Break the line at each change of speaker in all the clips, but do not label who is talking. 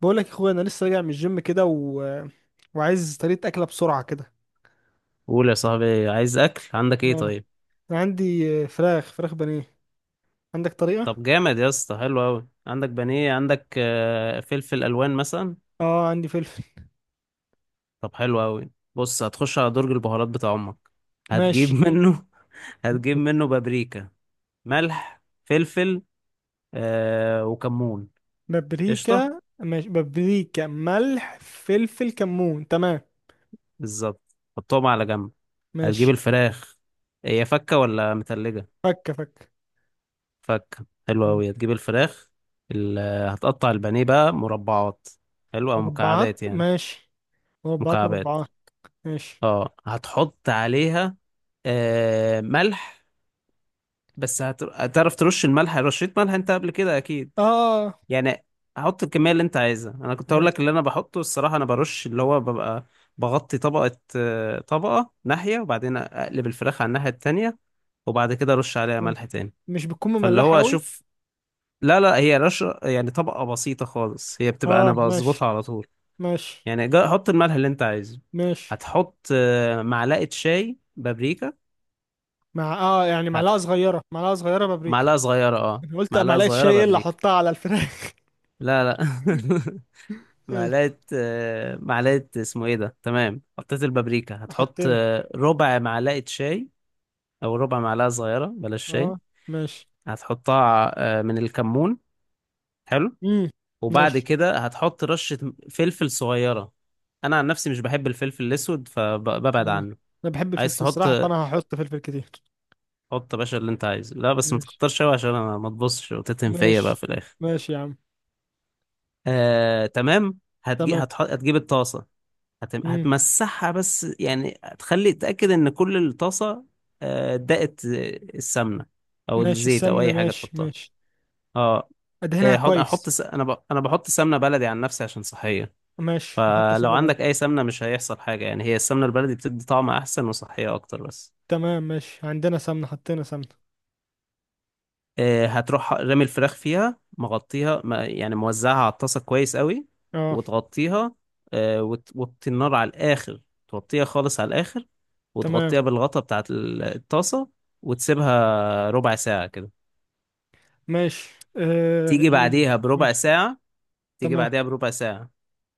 بقول لك يا اخويا، انا لسه راجع من الجيم كده وعايز طريقه اكله بسرعه كده.
قول يا صاحبي، عايز اكل؟ عندك ايه
اه،
طيب؟
عندي فراخ بانيه. عندك طريقه؟
طب جامد يا اسطى، حلو قوي، عندك بانيه، عندك فلفل الوان مثلا.
اه، عندي فلفل.
طب حلو قوي، بص هتخش على درج البهارات بتاع امك، هتجيب
ماشي،
منه. هتجيب منه بابريكا، ملح، فلفل، وكمون. قشطه،
بابريكا. ماشي بابريكا، ملح، فلفل، كمون، تمام.
بالظبط حطهم على جنب. هتجيب
ماشي.
الفراخ، هي فكه ولا متلجه؟
فك فك.
فكه، حلو
مم.
قوي. هتجيب الفراخ، ال- هتقطع البانيه بقى مربعات، حلو، او
مربعات
مكعبات يعني.
ماشي. مربعات
مكعبات.
مربعات. ماشي.
اه، هتحط عليها ملح. بس هتعرف ترش الملح، رشيت ملح انت قبل كده اكيد
اه. آه.
يعني. هحط الكميه اللي انت عايزها. انا كنت
م-
هقول لك اللي انا بحطه، الصراحه انا برش، اللي هو ببقى بغطي طبقه ناحيه، وبعدين اقلب الفراخ على الناحيه التانية. وبعد كده ارش عليها
آه.
ملح تاني،
مش بتكون
فاللي هو
مملحه قوي؟
اشوف. لا، لا، هي رش يعني طبقه بسيطه خالص، هي بتبقى انا
اه،
بظبطها
ماشي.
على طول
ماشي.
يعني. حط الملح اللي انت عايزه.
ماشي
هتحط معلقه شاي بابريكا.
مع يعني معلقه صغيره، معلقه صغيره بابريكا.
معلقة صغيرة،
انا قلت
معلقة
معلقه
صغيرة
شاي اللي
بابريكا.
احطها على الفراخ.
لا، لا.
ماشي.
معلقة اسمه ايه ده؟ تمام، حطيت البابريكا، هتحط
حطينا.
ربع معلقة شاي، او ربع معلقة صغيرة بلاش شاي.
اه، ماشي.
هتحطها من الكمون. حلو،
امم
وبعد
ماشي.
كده هتحط رشة فلفل صغيرة. انا عن نفسي مش بحب الفلفل الاسود فببعد
انا
عنه.
أنا بحب
عايز
الفلفل
تحط؟
الصراحه، فانا هحط فلفل كتير.
حط يا باشا اللي انت عايزه، لا بس ما
ماشي.
تكترش قوي، عشان انا ما تبصش وتتهم فيا بقى
ماشي.
في الاخر.
ماشي يا عم.
تمام.
تمام.
هتجيب الطاسة.
امم
هتمسحها، بس يعني تخلي تأكد إن كل الطاسة دقت السمنة، أو
ماشي
الزيت أو
السمنه.
أي حاجة
ماشي،
تحطها.
ماشي،
اه.
ادهنها
أحط
كويس.
أنا بحط سمنة بلدي عن نفسي عشان صحية.
ماشي، نحط
فلو
سمنه بلدي.
عندك أي سمنة مش هيحصل حاجة يعني، هي السمنة البلدي بتدي طعم أحسن وصحية أكتر بس.
تمام ماشي، عندنا سمنه، حطينا سمنه.
هتروح رامي الفراخ فيها، مغطيها يعني موزعها على الطاسة كويس قوي،
اه،
وتغطيها. وتوطي النار على الآخر، توطيها خالص على الآخر،
تمام
وتغطيها بالغطا بتاعت الطاسة. وتسيبها ربع ساعة كده.
ماشي. آه
تيجي
يعني.
بعديها بربع
ماشي.
ساعة. تيجي
تمام.
بعديها بربع ساعة.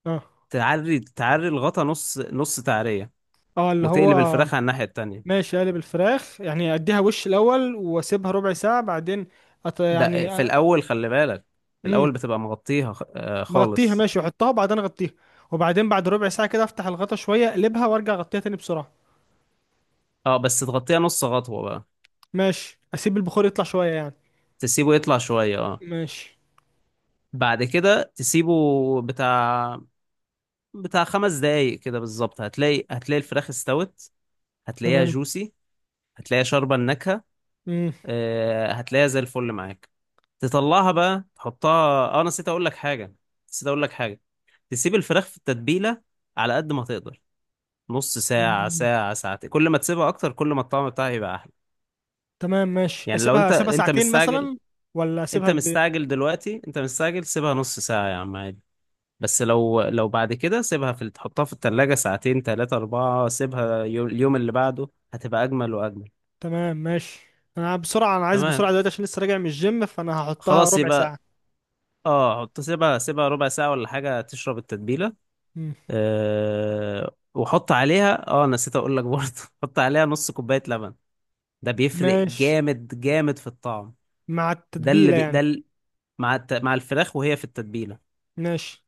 اه،
تعري تعري الغطا نص نص تعرية،
اه، اللي
وتقلب
هو.
الفراخ على الناحية التانية.
ماشي، اقلب الفراخ يعني اديها وش الاول واسيبها ربع ساعه بعدين.
ده
يعني
في الأول خلي بالك، في
امم
الأول بتبقى مغطيها
مغطيها
خالص.
ماشي، واحطها وبعدين اغطيها. وبعدين بعد ربع ساعه كده افتح الغطا شويه، اقلبها وارجع اغطيها تاني بسرعه.
اه، بس تغطيها نص خطوة بقى،
ماشي، اسيب البخار يطلع شويه يعني.
تسيبه يطلع شوية. اه،
ماشي.
بعد كده تسيبه بتاع بتاع 5 دقايق كده بالظبط، هتلاقي الفراخ استوت. هتلاقيها
تمام.
جوسي، هتلاقيها شاربة النكهة،
امم
هتلاقيها زي الفل معاك. تطلعها بقى، تحطها. اه نسيت اقول لك حاجة. تسيب الفراخ في التتبيلة على قد ما تقدر، نص ساعة،
أمم.
ساعة، ساعتين. كل ما تسيبها اكتر كل ما الطعم بتاعها يبقى احلى.
تمام ماشي،
يعني لو
اسيبها
انت
اسيبها
انت
ساعتين
مستعجل،
مثلا، ولا اسيبها
انت
قد ايه؟
مستعجل دلوقتي، انت مستعجل سيبها نص ساعة يا عم، عادي. بس لو بعد كده سيبها، في تحطها في التلاجة ساعتين تلاتة أربعة، سيبها اليوم اللي بعده، هتبقى أجمل وأجمل.
تمام ماشي. انا بسرعه، انا عايز
تمام،
بسرعه دلوقتي عشان لسه راجع من الجيم، فانا هحطها
خلاص
ربع
يبقى.
ساعه.
اه، حط، سيبها ربع ساعة ولا حاجة تشرب التتبيلة.
امم
وحط عليها، نسيت أقول لك برضه. حط عليها نص كوباية لبن، ده بيفرق
ماشي.
جامد جامد في الطعم.
مع
ده اللي
التتبيله
بي ده
يعني؟
ال- مع الفراخ وهي في التتبيلة،
ماشي،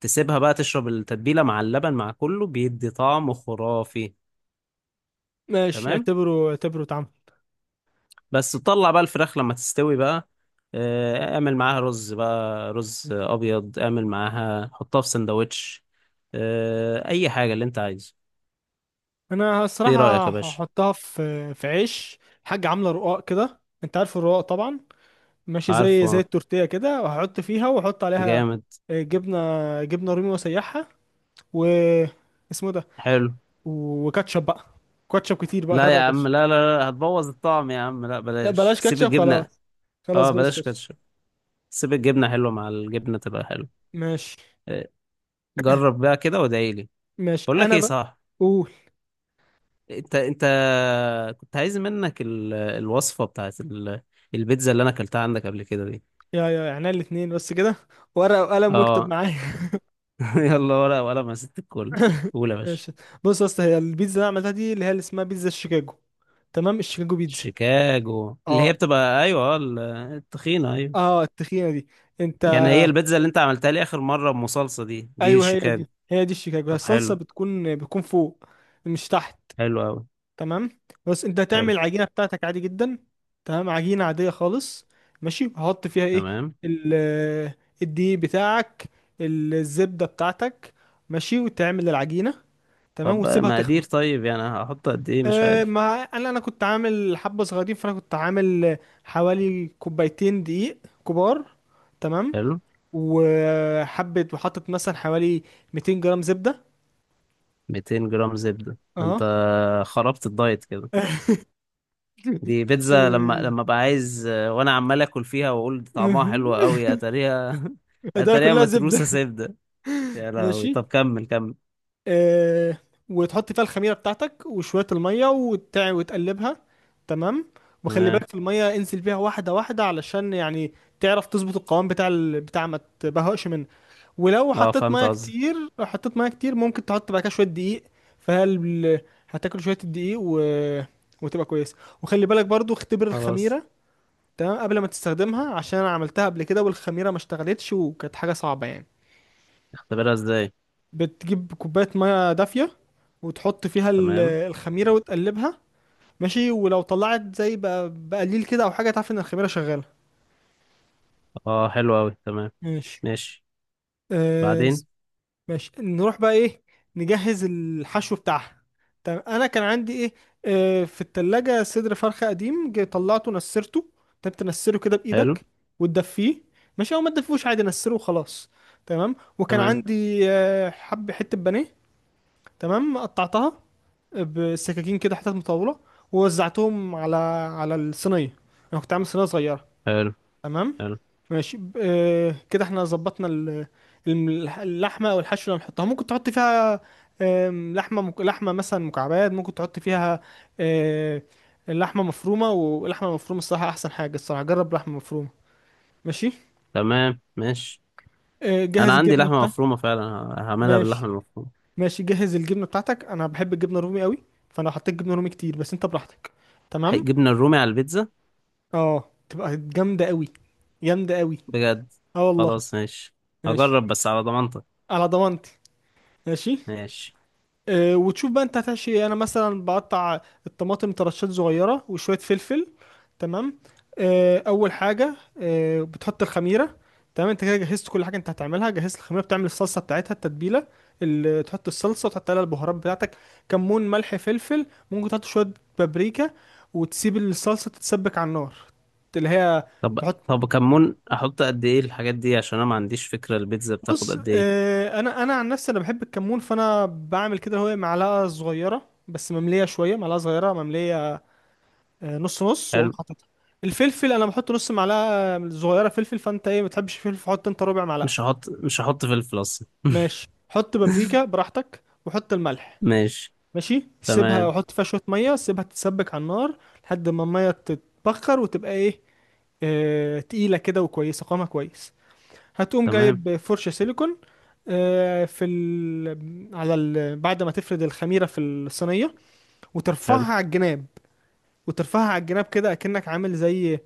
تسيبها بقى تشرب التتبيلة، مع اللبن مع كله بيدي طعم خرافي.
ماشي،
تمام،
اعتبره اعتبره اتعمل.
بس تطلع بقى الفراخ لما تستوي بقى. اعمل معاها رز بقى، رز ابيض، اعمل معاها، حطها في سندوتش، اي حاجه اللي انت عايزه.
انا
ايه رايك
الصراحه
يا باشا؟
هحطها في عيش. حاجه عامله رقاق كده، انت عارف الرقاق طبعا. ماشي، زي
عارفه؟
التورتيه كده، وهحط فيها واحط عليها
جامد،
آه، جبنه. جبنه رومي واسيحها و اسمه ده.
حلو.
وكاتشب بقى. كاتشب كتير بقى،
لا يا
غرق
عم،
كاتشب.
لا، لا، لا، هتبوظ الطعم يا عم، لا
لا،
بلاش،
بلاش
سيب
كاتشب خلاص.
الجبنه.
خلاص
اه،
بلاش
بلاش
كاتشب.
كاتشب، سيب الجبنه حلوه، مع الجبنه تبقى حلوه.
ماشي.
آه، جرب بقى كده وادعي لي.
ماشي،
بقول لك
انا
ايه؟
بقى.
صح،
قول.
انت كنت عايز منك الوصفه بتاعت البيتزا اللي انا اكلتها عندك قبل كده دي.
يا يعني الاتنين بس كده؟ ورقه وقلم واكتب
اه.
معايا.
يلا، ولا ولا ما ست الكل. قول يا باشا.
ماشي. بص يا اسطى، هي البيتزا اللي أنا عملتها دي اللي هي اللي اسمها بيتزا شيكاجو. تمام، الشيكاجو بيتزا.
شيكاجو اللي هي
اه.
بتبقى، ايوه، التخينه، ايوه.
اه، التخينه دي. انت،
يعني هي البيتزا اللي انت عملتها لي اخر مره بمصلصه، دي
ايوه، هي
الشيكاجو.
دي، هي دي الشيكاجو. هي
طب
الصلصه
حلو.
بتكون فوق، مش تحت.
حلو قوي.
تمام. بس انت
حلو،
هتعمل العجينه بتاعتك عادي جدا. تمام، عجينه عاديه خالص. ماشي. هحط فيها ايه؟
تمام.
ال الدقيق بتاعك، الزبده بتاعتك. ماشي، وتعمل العجينه. تمام،
طب بقى
وتسيبها
مقادير؟
تخمر.
طيب يعني هحط قد ايه؟ مش
أه.
عارف.
ما انا كنت عامل حبه صغيرين، فانا كنت عامل حوالي كوبايتين دقيق كبار. تمام.
حلو.
وحبه، وحطت مثلا حوالي 200 جرام زبده.
200 جرام زبده، ده انت
اه.
خربت الدايت كده. دي
و...
بيتزا، لما ابقى عايز وانا عمال اكل فيها واقول دي طعمها حلو قوي، اتاريها
ده
اتاريها
كلها
متروسه
زبده.
زبده. يا لهوي. طب
ماشي.
كمل كمل.
أه، وتحط فيها الخميره بتاعتك وشويه الميه وتقلبها تمام. وخلي
تمام.
بالك في الميه، انزل بيها واحده واحده علشان يعني تعرف تظبط القوام بتاع ما تبهقش منه. ولو
اه،
حطيت
فهمت
ميه
قصدي.
كتير، لو حطيت ميه كتير ممكن تحط بعد كده شويه دقيق. فهل هتاكل شويه الدقيق وتبقى كويس. وخلي بالك برضو، اختبر
خلاص،
الخميره تمام قبل ما تستخدمها، عشان انا عملتها قبل كده والخميره ما اشتغلتش وكانت حاجه صعبه يعني.
اختبرها ازاي؟
بتجيب كوبايه ميه دافيه وتحط فيها
تمام.
الخميره وتقلبها. ماشي، ولو طلعت زي بقى بقليل كده او حاجه تعرف ان الخميره شغاله.
اه، حلو اوي. تمام،
ماشي.
ماشي،
أه.
بعدين.
ماشي، نروح بقى ايه؟ نجهز الحشو بتاعها. طب انا كان عندي ايه؟ آه، في التلاجة صدر فرخة قديم، جه طلعته نسرته. انت تنسره كده
حلو.
بايدك وتدفيه. ماشي، او ما تدفوش عادي، نسره وخلاص. تمام. وكان
تمام.
عندي حب حتة بانيه. تمام، قطعتها بالسكاكين كده، حتت مطولة، ووزعتهم على الصينية. انا كنت عامل صينية صغيرة.
حلو،
تمام.
حلو،
ماشي، كده احنا ظبطنا اللحمه او الحشو اللي هنحطها. ممكن تحط فيها لحمه لحمه مثلا مكعبات. ممكن تحط فيها آه، لحمه مفرومه. ولحمه مفرومه الصراحه احسن حاجه، الصراحه جرب لحمه مفرومه. ماشي.
تمام. ماشي. انا
جهز
عندي
الجبنه
لحمه
بتاعتك.
مفرومه فعلا، هعملها باللحمه
ماشي.
المفرومه.
ماشي، جهز الجبنه بتاعتك. انا بحب الجبنه الرومي قوي، فانا حطيت جبنه رومي كتير، بس انت براحتك. تمام.
جبنه الرومي على البيتزا،
اه، تبقى جامده قوي. جامده قوي.
بجد؟
اه والله.
خلاص ماشي،
ماشي،
هجرب بس على ضمانتك.
على ضمانتي. ماشي.
ماشي.
آه، وتشوف بقى انت هتحشي ايه. انا مثلا بقطع الطماطم ترشات صغيره وشويه فلفل. تمام. اول حاجه، بتحط الخميره. تمام، انت كده جهزت كل حاجه انت هتعملها، جهزت الخميره، بتعمل الصلصه بتاعتها التتبيله اللي تحط الصلصه، وتحط عليها البهارات بتاعتك: كمون، ملح، فلفل. ممكن تحط شويه بابريكا، وتسيب الصلصه تتسبك على النار اللي هي
طب
تحط.
طب كمون احط قد ايه؟ الحاجات دي عشان انا ما عنديش فكره البيتزا بتاخد
بص،
قد ايه.
آه، انا عن نفسي انا بحب الكمون، فانا بعمل كده: هو معلقه صغيره بس ممليه شويه، معلقه صغيره ممليه نص نص، واقوم
حلو،
حاططها. الفلفل انا بحط نص معلقه صغيره فلفل. فانت ايه؟ ما بتحبش الفلفل، فحط انت ربع معلقه.
مش هحط فلفل اصلا.
ماشي، حط بابريكا براحتك وحط الملح.
ماشي.
ماشي، سيبها
تمام،
وحط فيها شويه ميه، سيبها تتسبك على النار لحد ما الميه تتبخر وتبقى ايه، تقيله كده وكويسه، قوامها كويس. هتقوم
تمام.
جايب فرشة سيليكون. آه، في ال... على ال... بعد ما تفرد الخميرة في الصينية
حلو.
وترفعها على الجناب. وترفعها على الجناب كده، أكنك عامل زي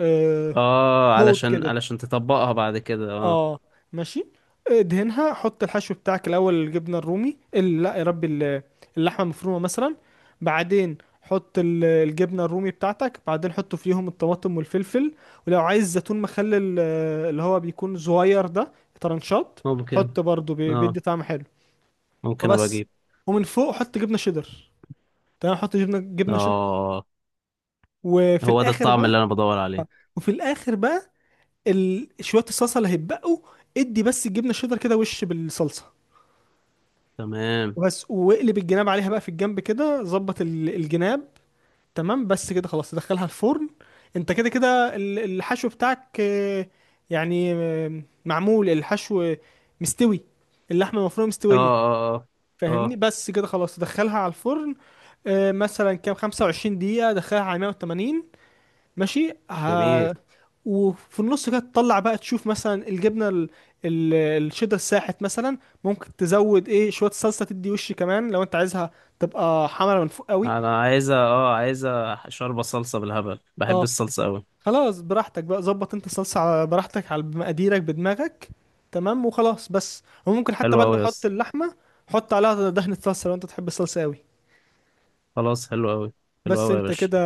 آه،
اه،
حوض
علشان
كده.
علشان تطبقها بعد كده، اه.
اه. ماشي، ادهنها، حط الحشو بتاعك الاول: الجبنه الرومي، لا يا ربي، اللحمه المفرومه مثلا. بعدين حط الجبنه الرومي بتاعتك. بعدين حط فيهم الطماطم والفلفل. ولو عايز زيتون مخلل، آه، اللي هو بيكون صغير ده، طرنشات،
ممكن
حط برضو،
اه
بيدي طعم حلو.
ممكن ابقى
وبس.
اجيب.
ومن فوق حط جبنه شيدر. تمام، حط جبنه شيدر.
اه،
وفي
هو ده
الاخر
الطعم
بقى،
اللي انا بدور عليه.
وفي الاخر بقى شويه الصلصه اللي هيتبقوا، ادي بس الجبنه الشيدر كده وش بالصلصه.
تمام.
وبس. واقلب الجناب عليها بقى في الجنب كده، ظبط الجناب تمام، بس كده خلاص تدخلها الفرن. انت كده كده الحشو بتاعك، يعني معمول الحشو مستوي. اللحمة المفرومة
اه،
مستوية.
اه، اه،
فاهمني؟
اه.
بس كده خلاص تدخلها على الفرن. آه، مثلا كام 25 دقيقة، دخلها على 180. ماشي.
جميل.
وفي النص كده تطلع بقى تشوف مثلا الجبنه ال... الشيدر ساحت مثلا. ممكن تزود ايه شويه صلصه، تدي وش كمان لو انت عايزها تبقى حمرا من فوق قوي.
انا عايزه شوربه صلصه بالهبل، بحب
اه
الصلصه قوي.
خلاص، براحتك بقى، ظبط انت الصلصه على براحتك، على مقاديرك، بدماغك. تمام. وخلاص بس، وممكن حتى
حلو
بعد ما
قوي يا
تحط
اسطى.
اللحمه حط عليها دهنه صلصه لو انت تحب الصلصه قوي.
خلاص، حلو قوي. حلو
بس
قوي يا
انت
باشا.
كده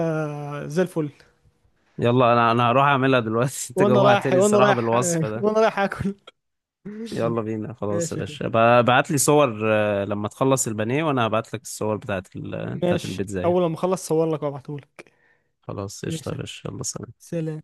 زي الفل.
يلا، انا هروح اعملها دلوقتي. انت
وانا رايح،
جوعتني
وانا
الصراحه
رايح
بالوصف ده.
وانا رايح اكل.
يلا بينا، خلاص يا
ماشي.
باشا. ابعت لي صور لما تخلص البانيه، وانا هبعت لك الصور بتاعت
ماشي،
البيتزا يعني.
اول ما اخلص صور لك وابعتهولك.
خلاص، قشطة يا
ماشي.
باشا، يلا سلام.
سلام.